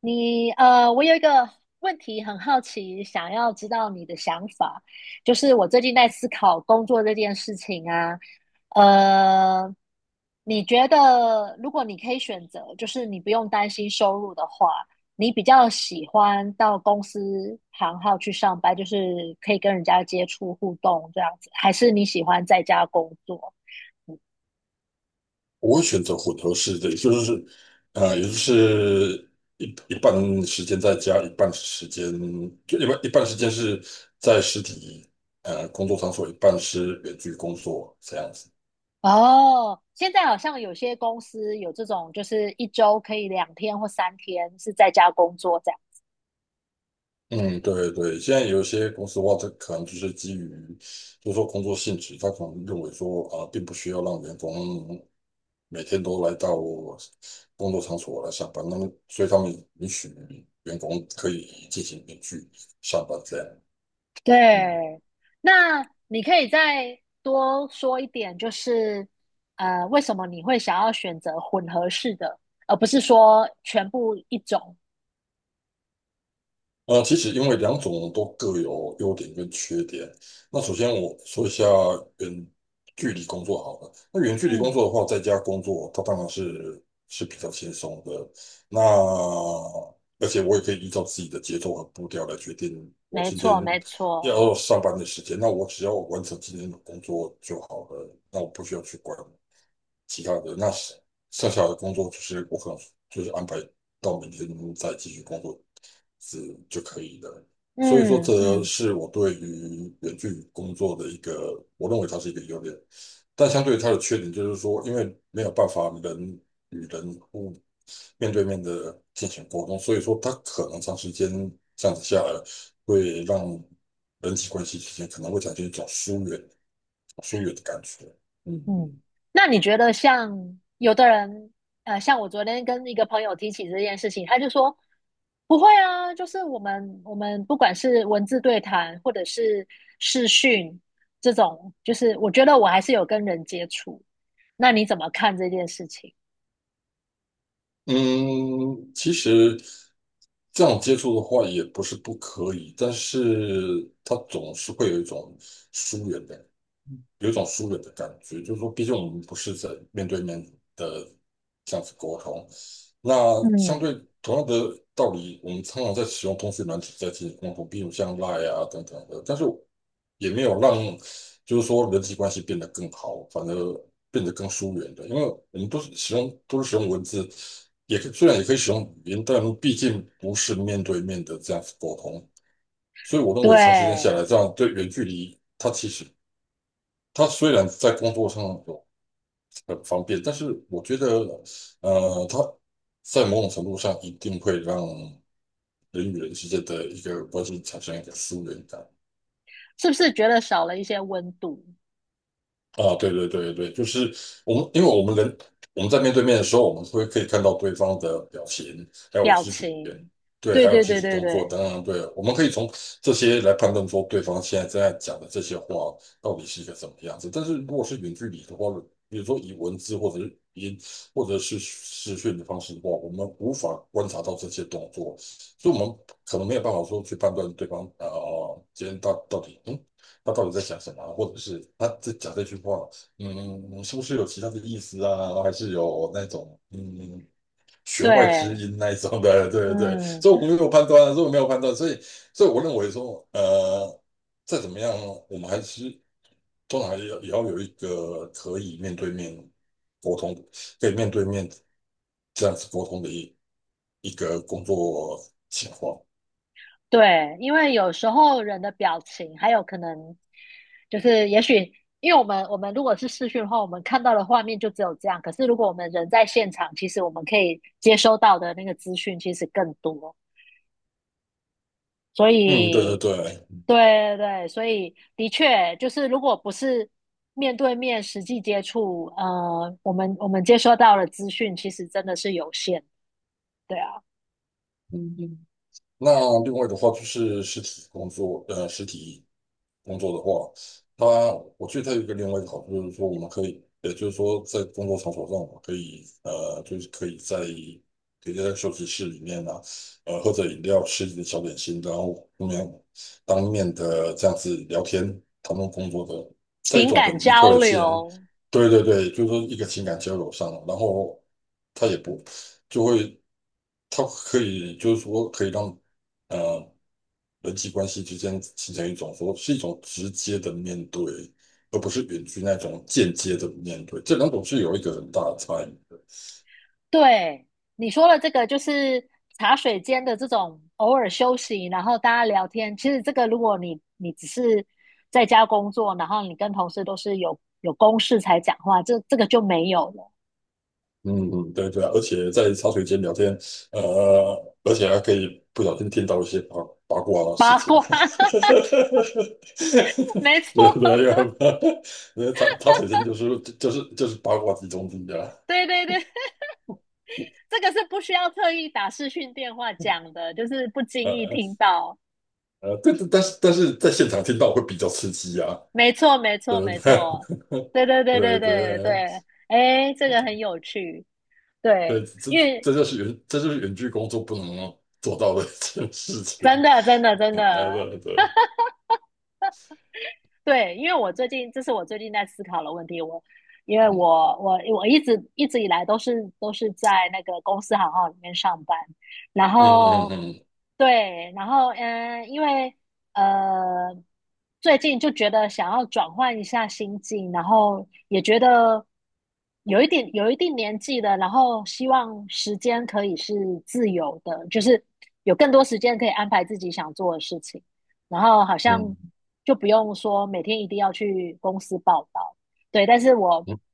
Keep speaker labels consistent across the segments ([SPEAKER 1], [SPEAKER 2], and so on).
[SPEAKER 1] 你我有一个问题很好奇，想要知道你的想法。就是我最近在思考工作这件事情啊，呃，你觉得如果你可以选择，就是你不用担心收入的话，你比较喜欢到公司行号去上班，就是可以跟人家接触互动这样子，还是你喜欢在家工作？
[SPEAKER 2] 我会选择混合式的，也就是，也就是一半时间在家，一半时间就一半时间是在实体工作场所，一半是远距工作这样子。
[SPEAKER 1] 哦，现在好像有些公司有这种，就是一周可以两天或三天是在家工作这样。
[SPEAKER 2] 嗯，对对，现在有一些公司的话，它可能就是基于，就是说工作性质，它可能认为说，啊、并不需要让员工每天都来到工作场所来上班，那么所以他们允许员工可以进行远距上班这样。嗯。
[SPEAKER 1] 对，那你可以再多说一点，就是为什么你会想要选择混合式的，而不是说全部一种？
[SPEAKER 2] 其实因为两种都各有优点跟缺点。那首先我说一下远距离工作好了。那远距离工
[SPEAKER 1] 嗯，
[SPEAKER 2] 作的话，在家工作，它当然是比较轻松的。那而且我也可以依照自己的节奏和步调来决定我
[SPEAKER 1] 没
[SPEAKER 2] 今天
[SPEAKER 1] 错，没错。
[SPEAKER 2] 要上班的时间。那我只要完成今天的工作就好了，那我不需要去管其他的。那剩下的工作就是我可能就是安排到明天再继续工作。是就可以了。所以说，
[SPEAKER 1] 嗯
[SPEAKER 2] 这
[SPEAKER 1] 嗯。
[SPEAKER 2] 是我对于远距工作的一个，我认为它是一个优点，但相对于它的缺点就是说，因为没有办法人与人互面对面的进行沟通，所以说它可能长时间这样子下来，会让人际关系之间可能会产生一种疏远、疏远的感觉。嗯嗯。
[SPEAKER 1] 嗯，那你觉得像有的人，像我昨天跟一个朋友提起这件事情，他就说不会啊，就是我们不管是文字对谈或者是视讯这种，就是我觉得我还是有跟人接触。那你怎么看这件事情？
[SPEAKER 2] 嗯，其实这样接触的话也不是不可以，但是它总是会有一种疏远感。有一种疏远的感觉，就是说，毕竟我们不是在面对面的这样子沟通。那相
[SPEAKER 1] 嗯，
[SPEAKER 2] 对同样的道理，我们常常在使用通讯软体在进行沟通，比如像 Line 啊等等的，但是也没有让就是说人际关系变得更好，反而变得更疏远的，因为我们都是使用文字，也可以虽然也可以使用语音，但毕竟不是面对面的这样子沟通，所以我认为长时间下来，
[SPEAKER 1] 对，
[SPEAKER 2] 这样对远距离它其实他虽然在工作上有很方便，但是我觉得，他在某种程度上一定会让人与人之间的一个关系产生一个疏远感。
[SPEAKER 1] 是不是觉得少了一些温度、
[SPEAKER 2] 啊，对对对对，就是我们，因为我们人我们在面对面的时候，我们会可以看到对方的表情，还有
[SPEAKER 1] 表
[SPEAKER 2] 肢体语言，
[SPEAKER 1] 情？
[SPEAKER 2] 对，
[SPEAKER 1] 对
[SPEAKER 2] 还有
[SPEAKER 1] 对
[SPEAKER 2] 肢
[SPEAKER 1] 对
[SPEAKER 2] 体
[SPEAKER 1] 对
[SPEAKER 2] 动作
[SPEAKER 1] 对
[SPEAKER 2] 等等，对，我们可以从这些来判断说对方现在正在讲的这些话到底是一个什么样子。但是如果是远距离的话，比如说以文字或者是语音或者是视讯的方式的话，我们无法观察到这些动作，所以我们可能没有办法说去判断对方今天到底他到底在想什么啊或者是他在讲这句话，嗯，是不是有其他的意思啊？还是有那种弦外之
[SPEAKER 1] 对，
[SPEAKER 2] 音那一种的？对对对，
[SPEAKER 1] 嗯，
[SPEAKER 2] 所以我没有判断，所以所以我认为说，再怎么样，我们还是通常还是要也要有一个可以面对面沟通，可以面对面这样子沟通的一个工作情况。
[SPEAKER 1] 对，因为有时候人的表情，还有可能就是也许，因为我们如果是视讯的话，我们看到的画面就只有这样。可是如果我们人在现场，其实我们可以接收到的那个资讯其实更多。所
[SPEAKER 2] 嗯，对对
[SPEAKER 1] 以，
[SPEAKER 2] 对。
[SPEAKER 1] 对对对，所以的确就是如果不是面对面实际接触，我们接收到的资讯其实真的是有限。对啊，
[SPEAKER 2] 那另外的话就是实体工作，实体工作的话，它我觉得它有一个另外一个好处就是说，我们可以，也就是说，在工作场所上，我们可以，就是可以在休息室里面啊，喝着饮料，吃一点小点心，然后当面的这样子聊天，谈论工作的，在一
[SPEAKER 1] 情
[SPEAKER 2] 种很
[SPEAKER 1] 感
[SPEAKER 2] 愉快
[SPEAKER 1] 交
[SPEAKER 2] 的气氛，
[SPEAKER 1] 流，
[SPEAKER 2] 对对对，就是说一个情感交流上，然后它也不就会。它可以就是说可以让呃人际关系之间形成一种说是一种直接的面对，而不是远距那种间接的面对，这两种是有一个很大的差异的。
[SPEAKER 1] 对，你说了这个，就是茶水间的这种偶尔休息，然后大家聊天。其实这个，如果你只是在家工作，然后你跟同事都是有公事才讲话，这个就没有了。
[SPEAKER 2] 嗯嗯，对对啊，而且在茶水间聊天，呃，而且还可以不小心听到一些八卦的事
[SPEAKER 1] 八
[SPEAKER 2] 情，
[SPEAKER 1] 卦，没错，
[SPEAKER 2] 对不对？因为茶水间就是八卦集中地啊，
[SPEAKER 1] 对对对，这个是不需要特意打视讯电话讲的，就是不
[SPEAKER 2] 呃
[SPEAKER 1] 经意
[SPEAKER 2] 呃，
[SPEAKER 1] 听到。
[SPEAKER 2] 对，但是在现场听到会比较刺激啊。
[SPEAKER 1] 没错，没 错，
[SPEAKER 2] 对不
[SPEAKER 1] 没
[SPEAKER 2] 对
[SPEAKER 1] 错，对对 对
[SPEAKER 2] 对
[SPEAKER 1] 对对
[SPEAKER 2] 对
[SPEAKER 1] 对，哎，这个很有趣，
[SPEAKER 2] 对，
[SPEAKER 1] 对，
[SPEAKER 2] 这
[SPEAKER 1] 因为
[SPEAKER 2] 这就是远，这就是远距工作不能做到的 一件事情。
[SPEAKER 1] 真的真的真
[SPEAKER 2] 嗯对
[SPEAKER 1] 的，
[SPEAKER 2] 对对，
[SPEAKER 1] 对，因为我最近这是我最近在思考的问题，我因为
[SPEAKER 2] 嗯
[SPEAKER 1] 我一直以来都是在那个公司行号里面上班，然
[SPEAKER 2] 嗯
[SPEAKER 1] 后
[SPEAKER 2] 嗯
[SPEAKER 1] 对，然后嗯，因为呃，最近就觉得想要转换一下心境，然后也觉得有一点有一定年纪了，然后希望时间可以是自由的，就是有更多时间可以安排自己想做的事情，然后好像
[SPEAKER 2] 嗯
[SPEAKER 1] 就不用说每天一定要去公司报道，对，但是我
[SPEAKER 2] 嗯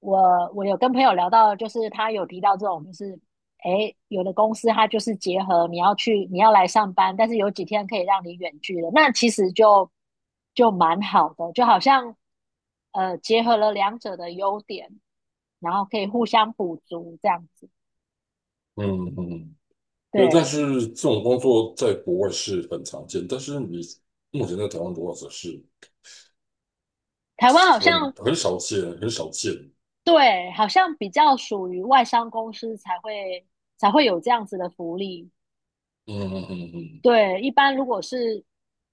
[SPEAKER 1] 我我有跟朋友聊到，就是他有提到这种，就是。诶，有的公司它就是结合你要去，你要来上班，但是有几天可以让你远距的，那其实就蛮好的，就好像结合了两者的优点，然后可以互相补足这样子。
[SPEAKER 2] 嗯嗯，嗯对。但
[SPEAKER 1] 对，
[SPEAKER 2] 是这种工作在国外是很常见，但是你目前在台湾的话，则是
[SPEAKER 1] 台湾好
[SPEAKER 2] 很
[SPEAKER 1] 像
[SPEAKER 2] 很少见，很少见。
[SPEAKER 1] 对，好像比较属于外商公司才会有这样子的福利。
[SPEAKER 2] 嗯嗯嗯嗯
[SPEAKER 1] 对，一般如果是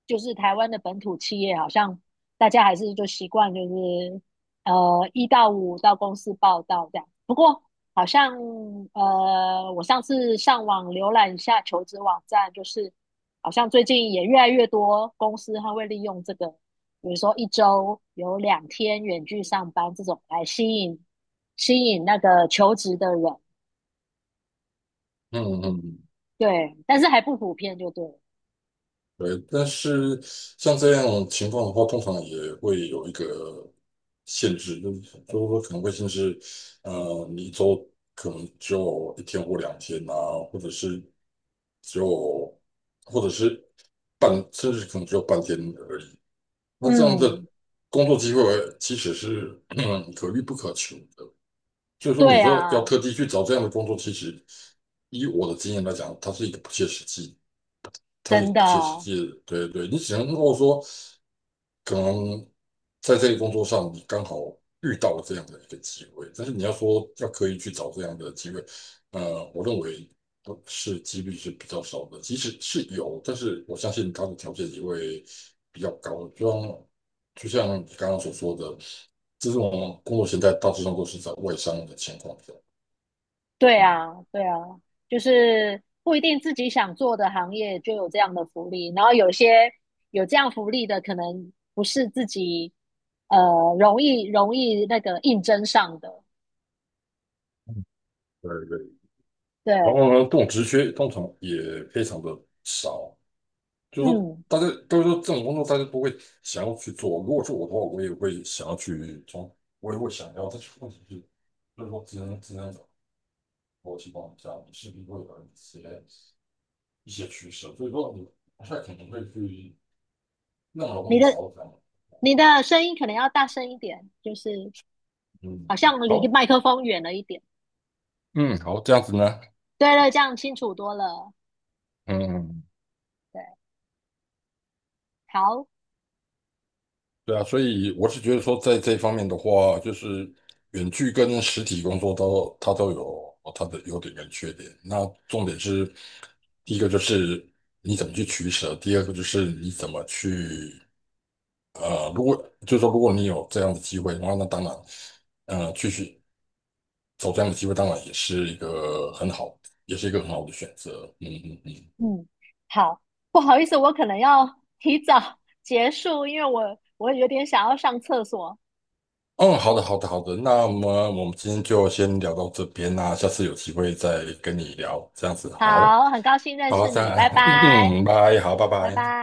[SPEAKER 1] 就是台湾的本土企业，好像大家还是就习惯就是一到五到公司报道这样。不过好像我上次上网浏览一下求职网站，就是好像最近也越来越多公司它会利用这个，比如说一周有两天远距上班这种来吸引那个求职的人。
[SPEAKER 2] 嗯嗯嗯
[SPEAKER 1] 对，但是还不普遍就对了。
[SPEAKER 2] 对，但是像这样的情况的话，通常也会有一个限制，就是就是说可能会限制，你一周可能只有一天或两天啊，或者是只有，或者是半，甚至可能只有半天而已。那这样的
[SPEAKER 1] 嗯，
[SPEAKER 2] 工作机会其实是可遇不可求的，所以说你
[SPEAKER 1] 对
[SPEAKER 2] 说要
[SPEAKER 1] 啊，
[SPEAKER 2] 特地去找这样的工作，其实以我的经验来讲，它是一个不切实际。它是一
[SPEAKER 1] 真
[SPEAKER 2] 个
[SPEAKER 1] 的，
[SPEAKER 2] 不切实际的。对对，你只能够说，可能在这个工作上你刚好遇到了这样的一个机会，但是你要说要刻意去找这样的机会，我认为不是几率是比较少的，即使是有，但是我相信它的条件也会比较高，就像你刚刚所说的，这种工作形态大致上都是在外商的情况下，
[SPEAKER 1] 对
[SPEAKER 2] 嗯，
[SPEAKER 1] 啊，对啊，就是不一定自己想做的行业就有这样的福利，然后有些有这样福利的，可能不是自己呃容易那个应征上的。
[SPEAKER 2] 对对，然
[SPEAKER 1] 对，
[SPEAKER 2] 后呢，这种职缺通常也非常的少。就是说
[SPEAKER 1] 嗯，
[SPEAKER 2] 大家都是说这种工作大家都会想要去做。如果是我的话，我也会想要去从，我也会想要。但是问题是，就是说职能逻辑方下，你势必会有一些一些趋势？所以说你不太可能会去那么容
[SPEAKER 1] 你
[SPEAKER 2] 易找
[SPEAKER 1] 的
[SPEAKER 2] 到这样的
[SPEAKER 1] 你的声音可能要大声一点，就是
[SPEAKER 2] 嗯，
[SPEAKER 1] 好像离
[SPEAKER 2] 好，
[SPEAKER 1] 麦克风远了一点。
[SPEAKER 2] 嗯，好，这样子呢，
[SPEAKER 1] 对对，这样清楚多了。
[SPEAKER 2] 嗯。
[SPEAKER 1] 对，好。
[SPEAKER 2] 对啊，所以我是觉得说，在这方面的话，就是远距跟实体工作都它都有它的优点跟缺点。那重点是，第一个就是你怎么去取舍，第二个就是你怎么去如果就是说如果你有这样的机会的话，那当然，继续走这样的机会，当然也是一个很好，也是一个很好的选择。嗯嗯嗯。
[SPEAKER 1] 嗯，好，不好意思，我可能要提早 结束，因为我有点想要上厕所。
[SPEAKER 2] 嗯，好的，好的，好的。那么我们今天就先聊到这边啦，下次有机会再跟你聊，这样子好，
[SPEAKER 1] 好，很高兴认
[SPEAKER 2] 好，
[SPEAKER 1] 识你，
[SPEAKER 2] 再，
[SPEAKER 1] 拜 拜，
[SPEAKER 2] 嗯，拜，好，拜
[SPEAKER 1] 拜拜。
[SPEAKER 2] 拜。